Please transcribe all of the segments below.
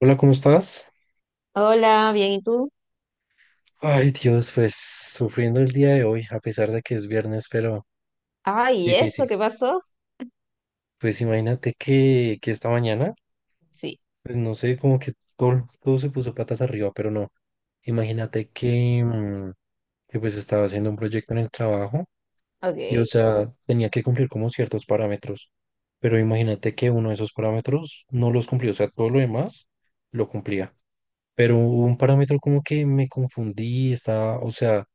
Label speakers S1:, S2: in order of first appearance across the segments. S1: Hola, ¿cómo estás?
S2: Hola, bien, ¿y tú?
S1: Ay, Dios, pues sufriendo el día de hoy, a pesar de que es viernes, pero
S2: Ay, ¿y eso
S1: difícil.
S2: qué pasó?
S1: Pues imagínate que esta mañana,
S2: Sí,
S1: pues no sé, como que todo se puso patas arriba, pero no. Imagínate que, que pues estaba haciendo un proyecto en el trabajo
S2: ok.
S1: y, o sea, tenía que cumplir como ciertos parámetros, pero imagínate que uno de esos parámetros no los cumplí. O sea, todo lo demás lo cumplía, pero hubo un parámetro como que me confundí, estaba, o sea,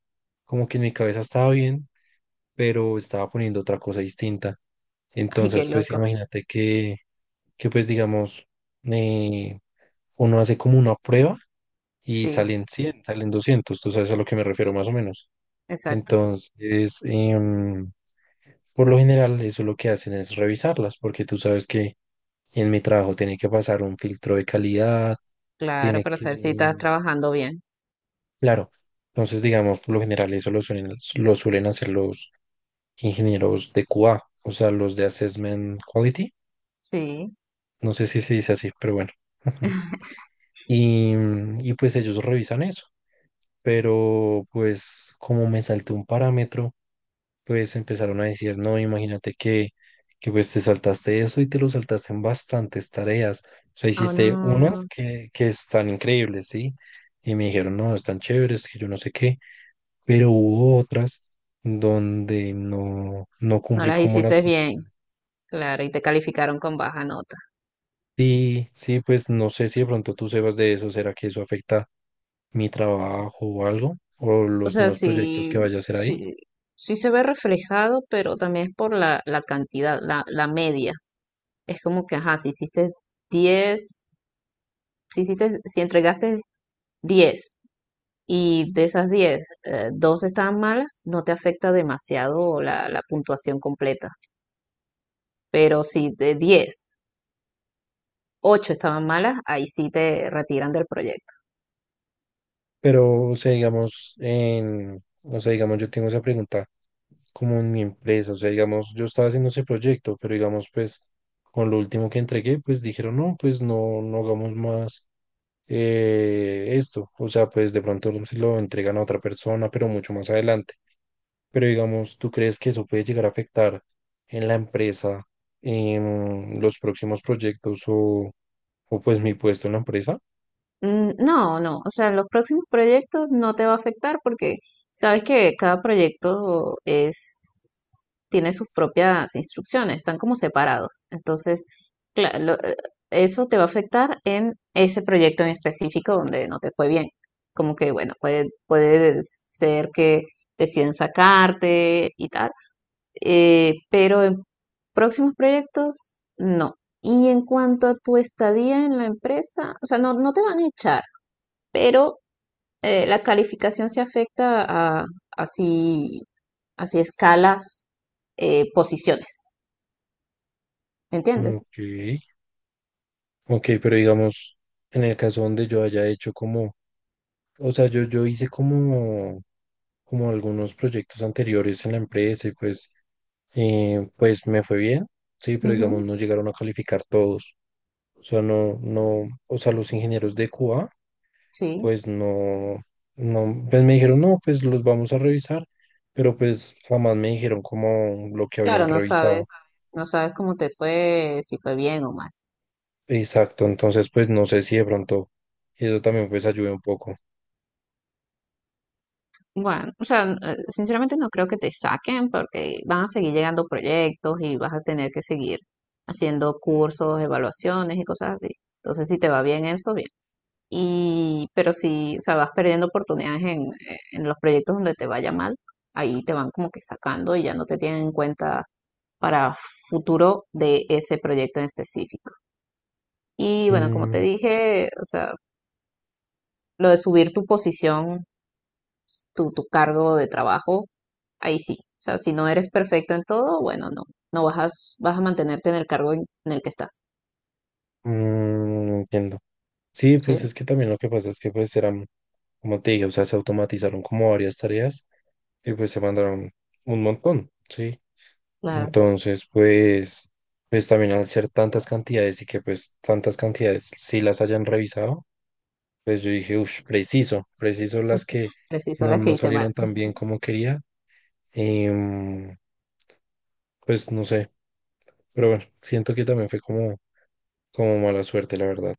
S1: como que en mi cabeza estaba bien pero estaba poniendo otra cosa distinta.
S2: Ay, qué
S1: Entonces, pues
S2: loco.
S1: imagínate que pues digamos, eh, uno hace como una prueba y
S2: Sí,
S1: salen 100, salen 200, tú sabes a lo que me refiero más o menos.
S2: exacto.
S1: Entonces, por lo general, eso lo que hacen es revisarlas, porque tú sabes que en mi trabajo tiene que pasar un filtro de calidad,
S2: Claro,
S1: tiene
S2: para saber si
S1: que,
S2: estás trabajando bien.
S1: claro. Entonces, digamos, por lo general eso lo suelen hacer los ingenieros de QA, o sea, los de Assessment Quality.
S2: Sí.
S1: No sé si se dice así, pero bueno. Y, y pues ellos revisan eso, pero pues como me salté un parámetro, pues empezaron a decir, no, imagínate que pues te saltaste eso y te lo saltaste en bastantes tareas. O sea,
S2: O
S1: hiciste unas
S2: no,
S1: que están increíbles, ¿sí? Y me dijeron, no, están chéveres, que yo no sé qué, pero hubo otras donde no, no
S2: no
S1: cumplí
S2: las
S1: como las...
S2: hiciste
S1: cumplí.
S2: bien. Claro, y te calificaron con baja nota.
S1: Sí, sí, pues no sé si de pronto tú sebas de eso, ¿será que eso afecta mi trabajo o algo, o
S2: O
S1: los
S2: sea,
S1: nuevos proyectos
S2: sí,
S1: que vaya a hacer ahí?
S2: sí, sí se ve reflejado, pero también es por la cantidad, la media. Es como que, ajá, si hiciste 10, si entregaste 10. Y de esas 10 dos estaban malas, no te afecta demasiado la puntuación completa. Pero si de 10 8 estaban malas, ahí sí te retiran del proyecto.
S1: Pero, o sea, digamos, en, o sea, digamos, yo tengo esa pregunta como en mi empresa, o sea, digamos, yo estaba haciendo ese proyecto, pero digamos, pues, con lo último que entregué, pues dijeron, no, pues no, no hagamos más esto, o sea, pues de pronto se lo entregan a otra persona, pero mucho más adelante. Pero digamos, ¿tú crees que eso puede llegar a afectar en la empresa, en los próximos proyectos o pues mi puesto en la empresa?
S2: Mm, no, no, o sea, los próximos proyectos no te va a afectar porque sabes que cada proyecto es, tiene sus propias instrucciones, están como separados. Entonces, cla- lo- eh, eso te va a afectar en ese proyecto en específico donde no te fue bien. Como que, bueno, puede ser que deciden sacarte y tal, pero en próximos proyectos, no. Y en cuanto a tu estadía en la empresa, o sea, no, no te van a echar, pero la calificación se afecta a así, así escalas, posiciones, ¿entiendes?
S1: Ok. Ok, pero digamos, en el caso donde yo haya hecho como, o sea, yo hice como, como algunos proyectos anteriores en la empresa y pues, pues me fue bien, sí, pero digamos,
S2: Ujú.
S1: no llegaron a calificar todos. O sea, no, no, o sea, los ingenieros de QA
S2: Sí,
S1: pues no, no, pues me dijeron, no, pues los vamos a revisar, pero pues jamás me dijeron como lo que habían
S2: claro, no
S1: revisado.
S2: sabes, no sabes cómo te fue, si fue bien o mal.
S1: Exacto, entonces pues no sé si de pronto eso también pues ayude un poco.
S2: Bueno, o sea, sinceramente no creo que te saquen porque van a seguir llegando proyectos y vas a tener que seguir haciendo cursos, evaluaciones y cosas así. Entonces, si te va bien eso, bien. Y, pero si, o sea, vas perdiendo oportunidades en los proyectos donde te vaya mal, ahí te van como que sacando y ya no te tienen en cuenta para futuro de ese proyecto en específico. Y bueno, como te
S1: Mm,
S2: dije, o sea, lo de subir tu posición, tu cargo de trabajo, ahí sí. O sea, si no eres perfecto en todo, bueno, no, no vas a mantenerte en el cargo en el que estás.
S1: no entiendo. Sí, pues
S2: Sí,
S1: es que también lo que pasa es que pues eran, como te dije, o sea, se automatizaron como varias tareas y pues se mandaron un montón, ¿sí?
S2: claro,
S1: Entonces pues, pues también al ser tantas cantidades y que pues tantas cantidades sí las hayan revisado. Pues yo dije, uff, preciso, preciso las que
S2: preciso
S1: no,
S2: las que
S1: no
S2: hice mal.
S1: salieron tan bien como quería. Em, pues no sé, pero bueno, siento que también fue como, como mala suerte, la verdad.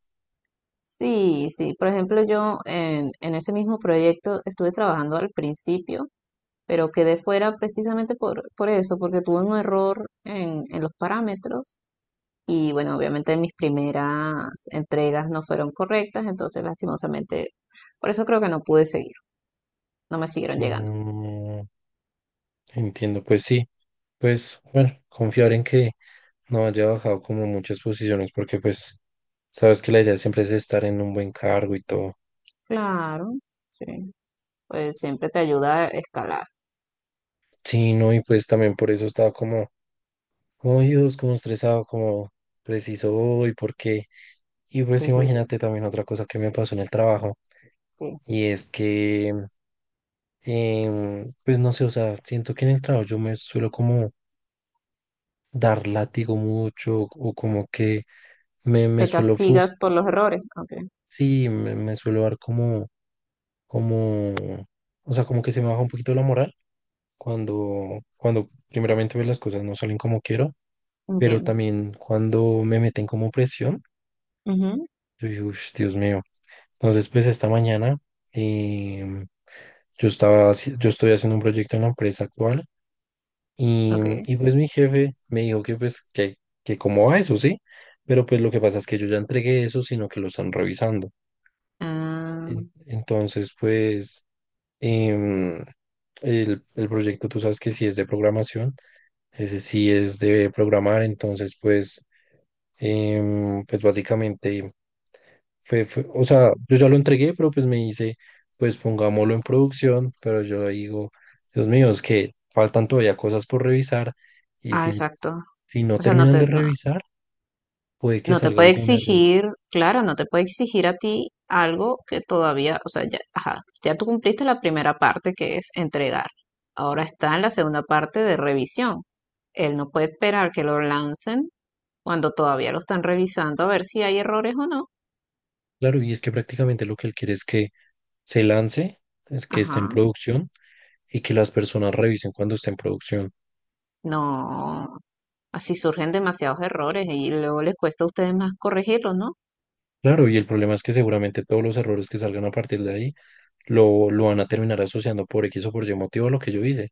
S2: Sí, sí. Por ejemplo, yo en ese mismo proyecto estuve trabajando al principio, pero quedé fuera precisamente por eso, porque tuve un error en los parámetros y bueno, obviamente mis primeras entregas no fueron correctas, entonces lastimosamente, por eso creo que no pude seguir, no me siguieron llegando.
S1: Mm, entiendo, pues sí, pues bueno, confiar en que no haya bajado como muchas posiciones, porque pues sabes que la idea siempre es estar en un buen cargo y todo.
S2: Claro, sí. Pues siempre te ayuda a escalar.
S1: Sí, no, y pues también por eso estaba como como Dios, como estresado, como preciso hoy, por qué. Y pues imagínate también otra cosa que me pasó en el trabajo,
S2: Sí.
S1: y es que, pues no sé, o sea, siento que en el trabajo yo me suelo como dar látigo mucho, o como que me
S2: Te
S1: suelo
S2: castigas
S1: frustrar,
S2: por los errores. Ok,
S1: sí, me suelo dar como, como, o sea, como que se me baja un poquito la moral cuando, cuando primeramente ve las cosas no salen como quiero, pero
S2: entiendo.
S1: también cuando me meten como presión,
S2: Ujú,
S1: yo digo, "Ush, Dios mío". Entonces, pues esta mañana em, yo estaba, yo estoy haciendo un proyecto en la empresa actual y,
S2: ok.
S1: y pues mi jefe me dijo que pues que cómo va eso, ¿sí? Pero pues lo que pasa es que yo ya entregué eso, sino que lo están revisando.
S2: Ah,
S1: Entonces, pues em, el proyecto, tú sabes que si es de programación, ese sí es de programar, entonces pues, pues básicamente... O sea, yo ya lo entregué, pero pues me dice, pues pongámoslo en producción, pero yo le digo, Dios mío, es que faltan todavía cosas por revisar y
S2: ah,
S1: si,
S2: exacto.
S1: si no
S2: O sea, no
S1: terminan
S2: te,
S1: de
S2: no,
S1: revisar, puede que
S2: no te
S1: salga
S2: puede
S1: algún error.
S2: exigir, claro, no te puede exigir a ti algo que todavía, o sea, ya, ajá, ya tú cumpliste la primera parte que es entregar. Ahora está en la segunda parte de revisión. Él no puede esperar que lo lancen cuando todavía lo están revisando a ver si hay errores o no.
S1: Claro, y es que prácticamente lo que él quiere es que se lance, es que esté en
S2: Ajá,
S1: producción y que las personas revisen cuando esté en producción.
S2: no, así surgen demasiados errores y luego les cuesta a ustedes más corregirlos, ¿no?
S1: Claro, y el problema es que seguramente todos los errores que salgan a partir de ahí lo van a terminar asociando por X o por Y motivo a lo que yo hice.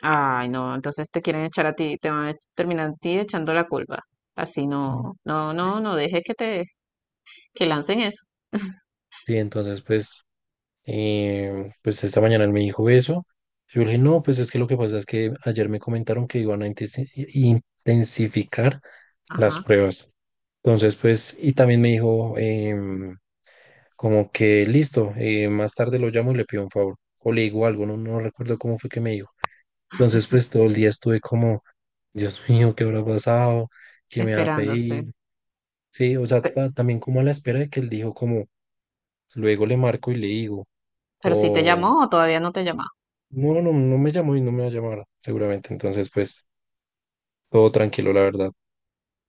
S2: Ay, no, entonces te quieren echar a ti, te van a terminar a ti echando la culpa. Así
S1: Mm.
S2: no, no, no, no dejes que lancen eso.
S1: Sí, entonces pues pues esta mañana él me dijo eso. Yo le dije, no, pues es que lo que pasa es que ayer me comentaron que iban a intensificar las
S2: Ajá,
S1: pruebas. Entonces, pues, y también me dijo como que listo, más tarde lo llamo y le pido un favor. O le digo algo, no, no recuerdo cómo fue que me dijo. Entonces, pues todo el día estuve como, Dios mío, ¿qué habrá pasado? ¿Qué me va a
S2: esperándose.
S1: pedir? Sí, o sea,
S2: Pero,
S1: también como a la espera de que él dijo como, luego le marco y le digo.
S2: pero si te
S1: O,
S2: llamó o todavía no te llamó.
S1: no, no, no me llamó y no me va a llamar, seguramente. Entonces, pues, todo tranquilo, la verdad.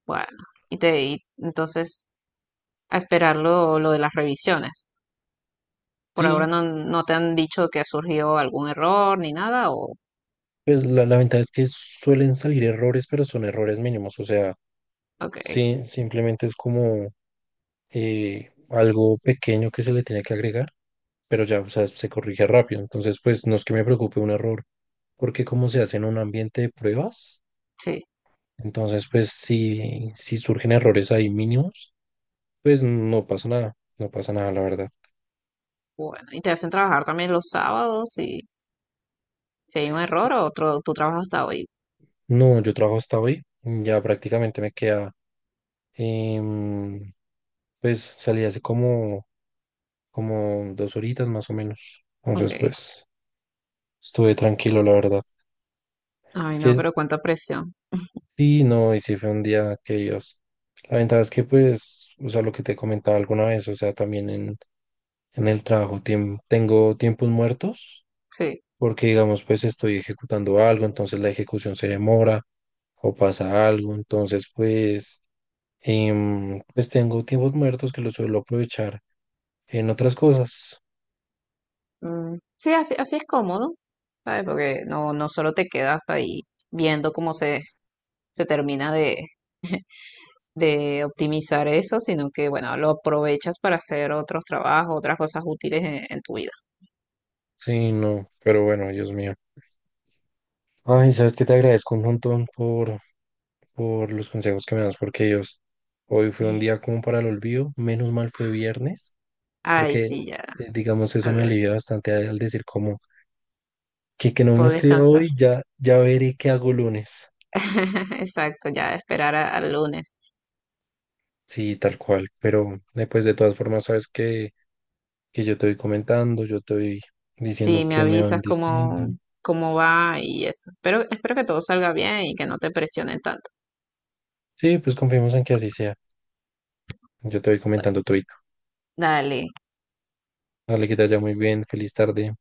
S2: Bueno, y entonces a esperar lo, de las revisiones. Por ahora
S1: Sí,
S2: no te han dicho que ha surgido algún error ni nada, o,
S1: pues la ventaja es que suelen salir errores, pero son errores mínimos. O sea,
S2: ok,
S1: sí, simplemente es como algo pequeño que se le tiene que agregar, pero ya, o sea, se corrige rápido. Entonces, pues, no es que me preocupe un error, porque como se hace en un ambiente de pruebas,
S2: sí.
S1: entonces, pues, si, si surgen errores ahí mínimos, pues no pasa nada, no pasa nada, la verdad.
S2: Bueno, y te hacen trabajar también los sábados y si hay un error o otro, tú trabajas hasta hoy.
S1: No, yo trabajo hasta hoy, ya prácticamente me queda, em, pues salí hace como, como 2 horitas más o menos, entonces
S2: Ok.
S1: pues estuve tranquilo, la verdad.
S2: Ay,
S1: Es
S2: no,
S1: que
S2: pero cuánta presión.
S1: sí, no, y sí fue un día que Dios. La ventaja es que pues, o sea, lo que te comentaba alguna vez, o sea, también en el trabajo tengo tiempos muertos,
S2: Sí.
S1: porque digamos pues estoy ejecutando algo, entonces la ejecución se demora o pasa algo, entonces pues... Pues tengo tiempos muertos que los suelo aprovechar en otras cosas.
S2: Mm, sí, así es cómodo, ¿sabes? Porque no solo te quedas ahí viendo cómo se termina de, de optimizar eso, sino que, bueno, lo aprovechas para hacer otros trabajos, otras cosas útiles en, tu vida.
S1: Sí, no, pero bueno, Dios mío. Ay, sabes que te agradezco un montón por los consejos que me das, porque ellos, hoy fue un día como para el olvido, menos mal fue viernes,
S2: Ay,
S1: porque
S2: sí, ya,
S1: digamos
S2: a
S1: eso me
S2: ver,
S1: alivia bastante al al decir como que no me
S2: puedo
S1: escriba
S2: descansar.
S1: hoy, ya, ya veré qué hago lunes.
S2: Exacto, ya esperar al lunes.
S1: Sí, tal cual, pero después de todas formas sabes que yo te voy comentando, yo te voy
S2: Sí,
S1: diciendo
S2: me
S1: qué me van
S2: avisas cómo,
S1: diciendo.
S2: cómo va y eso. Pero espero que todo salga bien y que no te presionen tanto.
S1: Sí, pues confiemos en que así sea. Yo te voy comentando todo.
S2: Dale.
S1: Dale, que te vaya muy bien. Feliz tarde.